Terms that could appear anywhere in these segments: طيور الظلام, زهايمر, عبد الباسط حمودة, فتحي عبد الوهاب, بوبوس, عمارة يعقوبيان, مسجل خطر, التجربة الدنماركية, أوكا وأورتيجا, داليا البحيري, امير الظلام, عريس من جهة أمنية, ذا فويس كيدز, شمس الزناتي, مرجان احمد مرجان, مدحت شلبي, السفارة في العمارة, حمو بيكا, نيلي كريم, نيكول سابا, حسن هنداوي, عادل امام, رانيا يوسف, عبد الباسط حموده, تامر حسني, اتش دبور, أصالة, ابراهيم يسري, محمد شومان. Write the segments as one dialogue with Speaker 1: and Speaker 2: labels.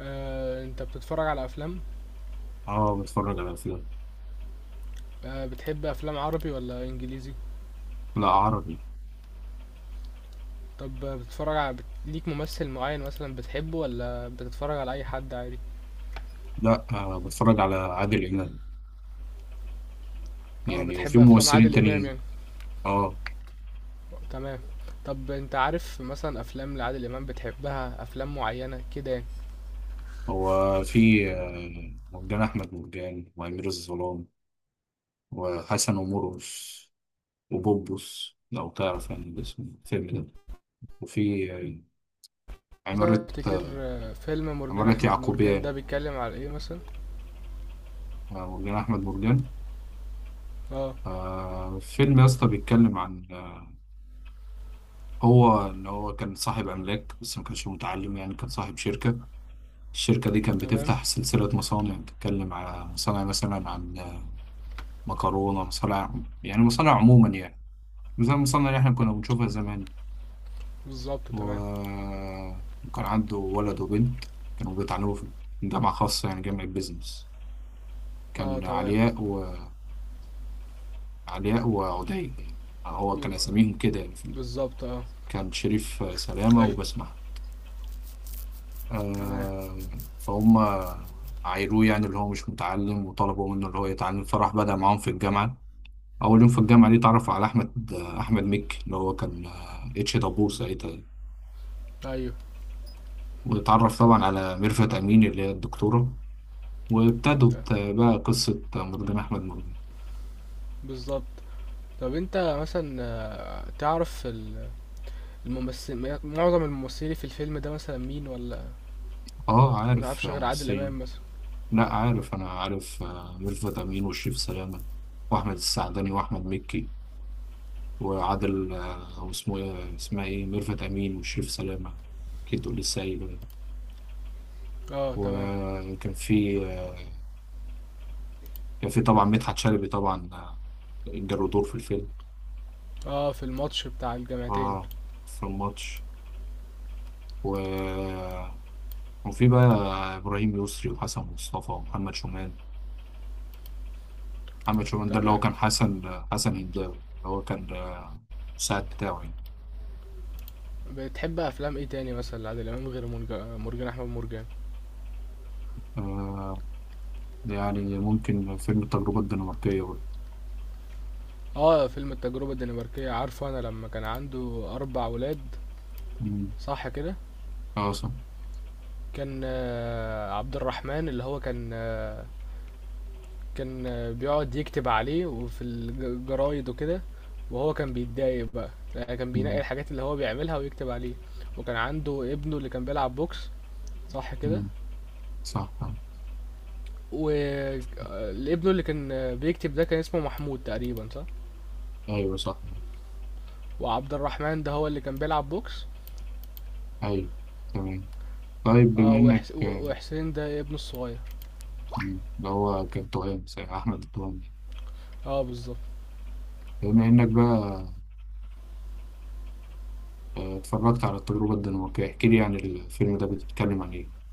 Speaker 1: انت بتتفرج على افلام
Speaker 2: اه، بتفرج على افلام.
Speaker 1: بتحب افلام عربي ولا انجليزي؟
Speaker 2: لا، عربي.
Speaker 1: طب بتتفرج على ليك ممثل معين مثلا بتحبه ولا بتتفرج على اي حد عادي؟
Speaker 2: لا بتفرج على عادل امام،
Speaker 1: اه
Speaker 2: يعني وفي
Speaker 1: بتحب افلام
Speaker 2: ممثلين
Speaker 1: عادل امام
Speaker 2: تانيين.
Speaker 1: يعني.
Speaker 2: اه،
Speaker 1: تمام. طب انت عارف مثلا افلام لعادل امام بتحبها افلام معينة كده يعني؟
Speaker 2: هو في مرجان احمد مرجان، وامير الظلام، وحسن ومرقص، وبوبوس لو تعرف يعني اسم الفيلم ده. وفي عمارة
Speaker 1: مثلا تفتكر فيلم مرجان
Speaker 2: عمارة
Speaker 1: احمد مرجان ده
Speaker 2: يعقوبيان.
Speaker 1: بيتكلم على ايه مثلا؟
Speaker 2: مرجان احمد مرجان.
Speaker 1: اه.
Speaker 2: فيلم يا اسطى، بيتكلم عن هو ان هو كان صاحب املاك بس ما كانش متعلم، يعني كان صاحب شركة. الشركة دي كانت
Speaker 1: تمام.
Speaker 2: بتفتح سلسلة مصانع، بتتكلم على مصانع مثلا عن مكرونة، مصانع، يعني مصانع عموما يعني، زي المصانع اللي احنا كنا بنشوفها زمان.
Speaker 1: بالظبط. تمام.
Speaker 2: و- وكان عنده ولد وبنت، كانوا بيتعلموا في جامعة خاصة يعني جامعة بيزنس.
Speaker 1: اه.
Speaker 2: كان
Speaker 1: تمام
Speaker 2: علياء وعلياء وعدي يعني، هو كان
Speaker 1: و-
Speaker 2: أساميهم كده يعني
Speaker 1: بالظبط. اه.
Speaker 2: كان شريف سلامة
Speaker 1: ايوه.
Speaker 2: وبسمة.
Speaker 1: تمام.
Speaker 2: آه، فهم عايروه يعني اللي هو مش متعلم، وطلبوا منه اللي هو يتعلم، فراح بدأ معاهم في الجامعة. اول يوم في الجامعه دي اتعرف على احمد مكي اللي هو كان اتش دبور ساعتها.
Speaker 1: ايوه.
Speaker 2: واتعرف طبعا على ميرفت امين اللي هي الدكتوره.
Speaker 1: ت-
Speaker 2: وابتدت بقى قصه مرجان احمد مرجان.
Speaker 1: بالظبط. طب انت مثلا تعرف الممثل؟ معظم الممثلين في الفيلم ده مثلا مين؟ ولا
Speaker 2: اه عارف
Speaker 1: متعرفش غير عادل
Speaker 2: ممثلين.
Speaker 1: امام مثلا؟
Speaker 2: لا عارف، انا عارف ميرفت امين وشريف سلامه، واحمد السعدني واحمد مكي. وعادل واسمه ايه اسمها ايه، ميرفت امين وشريف سلامه. اكيد تقول لي سايب.
Speaker 1: اه تمام.
Speaker 2: وكان في كان في طبعا مدحت شلبي طبعا، جاله دور في الفيلم.
Speaker 1: اه في الماتش بتاع الجامعتين.
Speaker 2: اه، في الماتش. و... وفي بقى ابراهيم يسري وحسن مصطفى ومحمد شومان. محمد شومان ده اللي هو
Speaker 1: تمام.
Speaker 2: كان حسن، حسن هنداوي، اللي هو كان المساعد بتاعه يعني.
Speaker 1: بتحب افلام ايه تاني مثلا لعادل امام غير مرجان احمد مرجان؟
Speaker 2: آه، يعني ممكن فيلم التجربة الدنماركية برضه.
Speaker 1: اه فيلم التجربه الدنماركيه عارفه. انا لما كان عنده اربع ولاد.
Speaker 2: مم.
Speaker 1: صح كده؟
Speaker 2: اه صح.
Speaker 1: كان عبد الرحمن اللي هو كان كان بيقعد يكتب عليه وفي الجرايد وكده، وهو كان بيتضايق بقى. يعني كان بينقي
Speaker 2: مم.
Speaker 1: الحاجات اللي هو بيعملها ويكتب عليه. وكان عنده ابنه اللي كان بيلعب بوكس. صح كده؟
Speaker 2: مم. صح صح.
Speaker 1: وابنه اللي كان بيكتب ده كان اسمه محمود تقريبا. صح؟
Speaker 2: ايوه صح.
Speaker 1: وعبد الرحمن ده هو اللي كان بيلعب بوكس.
Speaker 2: ايوه، تمام. طيب،
Speaker 1: اه
Speaker 2: بما انك
Speaker 1: وحسين ده ابنه الصغير.
Speaker 2: مم، اللي هو كان توأم زي احمد التوأم.
Speaker 1: اه بالظبط.
Speaker 2: بما انك بقى اتفرجت على التجربة الدنماركية، احكي لي عن الفيلم ده بتتكلم عن ايه.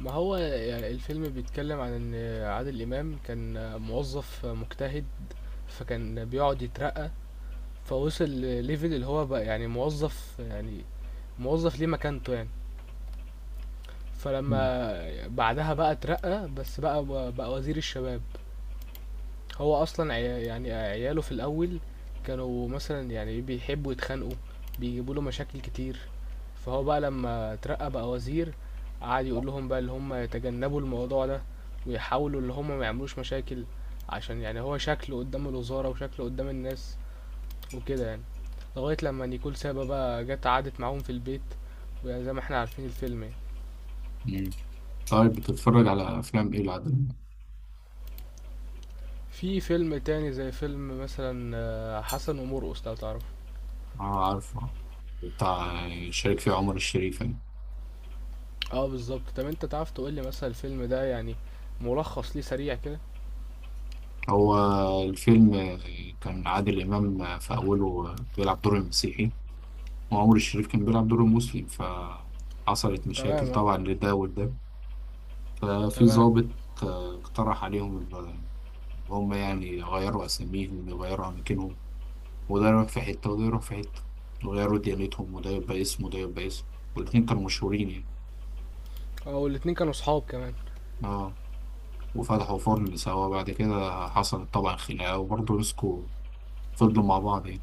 Speaker 1: ما هو يعني الفيلم بيتكلم عن ان عادل امام كان موظف مجتهد. فكان بيقعد يترقى. فوصل لليفل اللي هو بقى يعني موظف يعني موظف ليه مكانته يعني.
Speaker 2: مم.
Speaker 1: فلما بعدها بقى اترقى بس بقى بقى وزير الشباب. هو اصلا يعني عياله في الاول كانوا مثلا يعني بيحبوا يتخانقوا، بيجيبوا له مشاكل كتير. فهو بقى لما اترقى بقى وزير قعد يقول لهم بقى اللي هم يتجنبوا الموضوع ده، ويحاولوا اللي هم ما يعملوش مشاكل، عشان يعني هو شكله قدام الوزارة وشكله قدام الناس وكده يعني. لغاية لما نيكول سابا بقى جت قعدت معاهم في البيت، وزي ما احنا عارفين الفيلم يعني.
Speaker 2: مم. طيب، بتتفرج على افلام ايه العدل.
Speaker 1: في فيلم تاني زي فيلم مثلا حسن ومرقص لو تعرف.
Speaker 2: اه، عارفه، بتاع شارك فيه عمر الشريف يعني.
Speaker 1: اه بالظبط. طب انت تعرف تقول لي مثلا الفيلم ده يعني ملخص ليه سريع كده؟
Speaker 2: هو الفيلم كان عادل امام في اوله بيلعب دور المسيحي، وعمر الشريف كان بيلعب دور المسلم، فحصلت مشاكل
Speaker 1: تمام اه.
Speaker 2: طبعا لده ولده. ففي
Speaker 1: تمام.
Speaker 2: ضابط اقترح عليهم هم يعني يغيروا أساميهم، يغيروا أماكنهم، وده يروح في حتة وده يروح في حتة، وغيروا ديانتهم، وده يبقى اسم وده يبقى اسم، والاتنين كانوا مشهورين يعني.
Speaker 1: اه والاتنين كانوا صحاب كمان.
Speaker 2: اه. وفتحوا فرن سوا، بعد كده حصلت طبعا خناقة وبرضه مسكوا، فضلوا مع بعض يعني.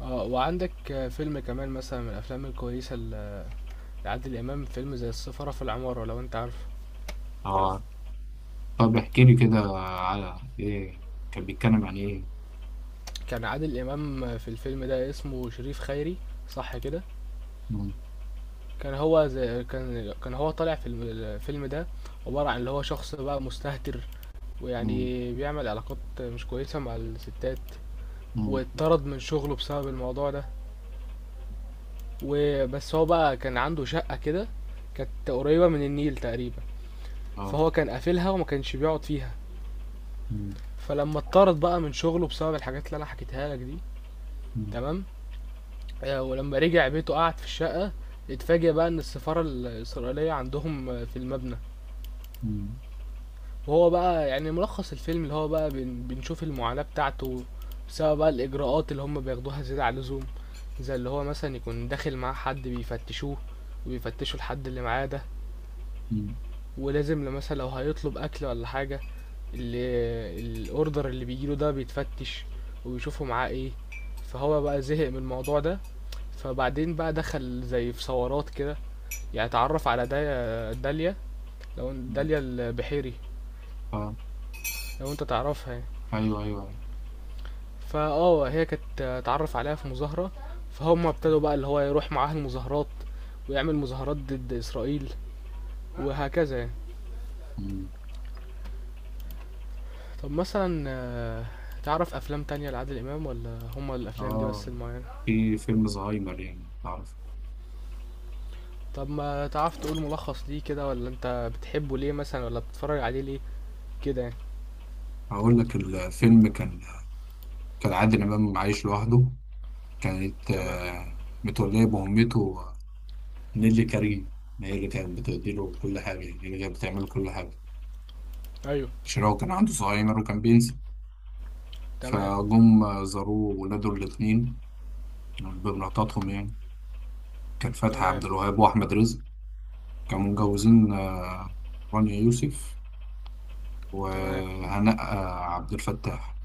Speaker 1: اه وعندك فيلم كمان مثلا من الافلام الكويسه لعادل امام فيلم زي السفاره في العماره لو انت عارف.
Speaker 2: اه. طب احكي لي كده على ايه، كان بيتكلم عن ايه.
Speaker 1: كان عادل امام في الفيلم ده اسمه شريف خيري. صح كده؟
Speaker 2: مم،
Speaker 1: كان هو زي كان هو طالع في الفيلم ده عبارة عن اللي هو شخص بقى مستهتر،
Speaker 2: مم،
Speaker 1: ويعني بيعمل علاقات مش كويسة مع الستات.
Speaker 2: مم،
Speaker 1: واتطرد من شغله بسبب الموضوع ده. وبس هو بقى كان عنده شقة كده، كانت قريبة من النيل تقريبا.
Speaker 2: اه.
Speaker 1: فهو كان قافلها وما كانش بيقعد فيها.
Speaker 2: مم،
Speaker 1: فلما اتطرد بقى من شغله بسبب الحاجات اللي انا حكيتها لك دي.
Speaker 2: مم،
Speaker 1: تمام. آه، ولما رجع بيته قعد في الشقة. اتفاجئ بقى ان السفارة الإسرائيلية عندهم في المبنى.
Speaker 2: مم،
Speaker 1: وهو بقى يعني ملخص الفيلم اللي هو بقى بنشوف المعاناة بتاعته بسبب بقى الإجراءات اللي هم بياخدوها زيادة عن اللزوم. زي اللي هو مثلا يكون داخل معاه حد بيفتشوه، وبيفتشوا الحد اللي معاه ده.
Speaker 2: مم،
Speaker 1: ولازم لو مثلا لو هيطلب أكل ولا حاجة، اللي الأوردر اللي بيجيله ده بيتفتش وبيشوفوا معاه ايه. فهو بقى زهق من الموضوع ده. فبعدين بقى دخل زي في ثورات كده. يعني اتعرف على داليا، لو
Speaker 2: مم.
Speaker 1: داليا البحيري
Speaker 2: اه،
Speaker 1: لو انت تعرفها يعني.
Speaker 2: ايوه ايوه أيوة.
Speaker 1: فاه هي كانت اتعرف عليها في مظاهرة. فهم ابتدوا بقى اللي هو يروح معاها المظاهرات ويعمل مظاهرات ضد إسرائيل وهكذا يعني.
Speaker 2: مم.
Speaker 1: طب مثلا تعرف أفلام تانية لعادل إمام ولا هما الأفلام دي
Speaker 2: اه،
Speaker 1: بس المعينة؟
Speaker 2: في فيلم زهايمر يعني تعرف.
Speaker 1: طب ما تعرف تقول ملخص ليه كده ولا أنت بتحبه ليه مثلا ولا بتتفرج عليه ليه كده يعني؟
Speaker 2: اقول لك الفيلم كان، كان عادل امام عايش لوحده، كانت
Speaker 1: تمام.
Speaker 2: متولية بأمته نيلي كريم، هي اللي كانت بتديله كل حاجة، يعني هي اللي كانت بتعمله كل حاجة
Speaker 1: أيوه.
Speaker 2: عشان هو كان عنده زهايمر وكان بينسى.
Speaker 1: تمام.
Speaker 2: فجم زاروه ولاده الاتنين يعني بمراتاتهم يعني. كان فتحي
Speaker 1: تمام.
Speaker 2: عبد الوهاب وأحمد رزق، كانوا متجوزين رانيا يوسف،
Speaker 1: تمام.
Speaker 2: وهناء عبد الفتاح.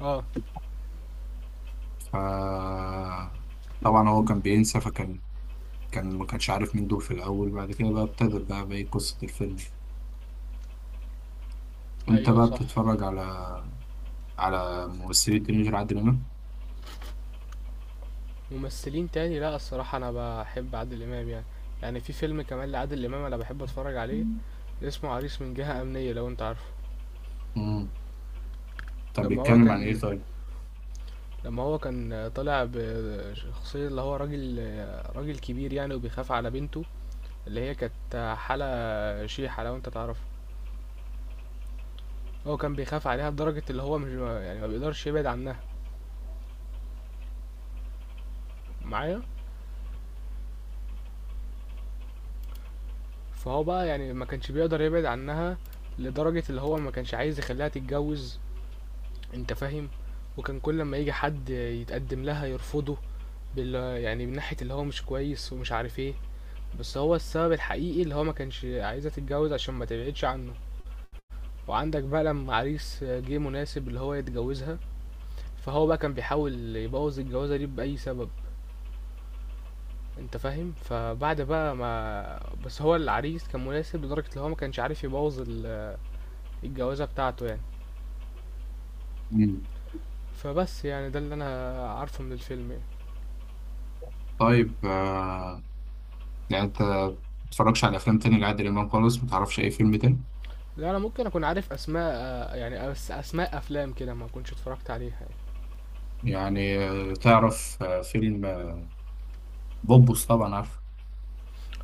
Speaker 1: اه.
Speaker 2: ف طبعا هو كان بينسى، فكان كان ما كانش عارف مين دول في الأول. بعد كده بقى ابتدت بقى قصة الفيلم، وانت
Speaker 1: أيوه
Speaker 2: بقى
Speaker 1: صح.
Speaker 2: بتتفرج على ممثلة تينيجر عادل إمام.
Speaker 1: ممثلين تاني لا الصراحة أنا بحب عادل إمام يعني. يعني في فيلم كمان لعادل إمام أنا بحب أتفرج عليه اسمه عريس من جهة أمنية لو أنت عارفه.
Speaker 2: مم. طب
Speaker 1: لما هو
Speaker 2: بيتكلم عن
Speaker 1: كان
Speaker 2: إيه طيب؟
Speaker 1: لما هو كان طالع بشخصية اللي هو راجل كبير يعني، وبيخاف على بنته اللي هي كانت حالة شيحة لو أنت تعرفه. هو كان بيخاف عليها لدرجة اللي هو مش يعني ما بيقدرش يبعد عنها معايا. فهو بقى يعني ما كانش بيقدر يبعد عنها لدرجة اللي هو ما كانش عايز يخليها تتجوز. أنت فاهم. وكان كل لما يجي حد يتقدم لها يرفضه بال يعني من ناحية اللي هو مش كويس ومش عارف ايه. بس هو السبب الحقيقي اللي هو ما كانش عايزة تتجوز عشان ما تبعدش عنه. وعندك بقى لما عريس جه مناسب اللي هو يتجوزها، فهو بقى كان بيحاول يبوظ الجوازة دي بأي سبب. انت فاهم. فبعد بقى ما بس هو العريس كان مناسب لدرجة اللي هو ما كانش عارف يبوظ الجوازة بتاعته يعني.
Speaker 2: مم.
Speaker 1: فبس يعني ده اللي انا عارفه من الفيلم يعني.
Speaker 2: طيب يعني أنت متتفرجش على أفلام تاني لعادل إمام خالص، متعرفش أي فيلم تاني؟
Speaker 1: لا انا ممكن اكون عارف اسماء، يعني اسماء افلام كده ما كنتش اتفرجت عليها
Speaker 2: يعني
Speaker 1: يعني.
Speaker 2: تعرف فيلم بوبوس طبعا عارف.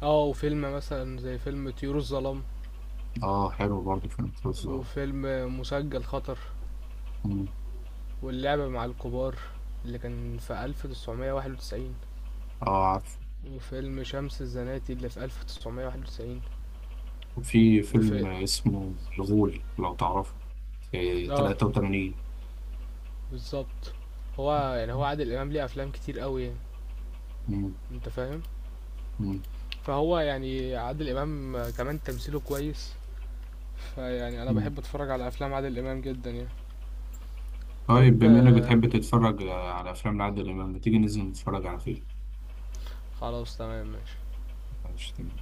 Speaker 1: اه وفيلم مثلا زي فيلم طيور الظلام،
Speaker 2: آه، حلو برضه فيلم بوبوس ده.
Speaker 1: وفيلم مسجل خطر،
Speaker 2: مم.
Speaker 1: واللعبة مع الكبار اللي كان في 1991،
Speaker 2: آه عارف.
Speaker 1: وفيلم شمس الزناتي اللي في 1991،
Speaker 2: وفي فيلم
Speaker 1: وفي
Speaker 2: اسمه الغول لو تعرفه، في
Speaker 1: اه
Speaker 2: 83.
Speaker 1: بالظبط. هو يعني هو عادل امام ليه افلام كتير قوي يعني.
Speaker 2: مم.
Speaker 1: انت فاهم.
Speaker 2: مم.
Speaker 1: فهو يعني عادل امام كمان تمثيله كويس. فيعني انا
Speaker 2: مم.
Speaker 1: بحب اتفرج على افلام عادل امام جدا يعني.
Speaker 2: طيب،
Speaker 1: طب
Speaker 2: بما إنك بتحب تتفرج على أفلام لعادل إمام، ما تيجي ننزل نتفرج على فيلم.
Speaker 1: خلاص تمام ماشي.
Speaker 2: معرفش تاني.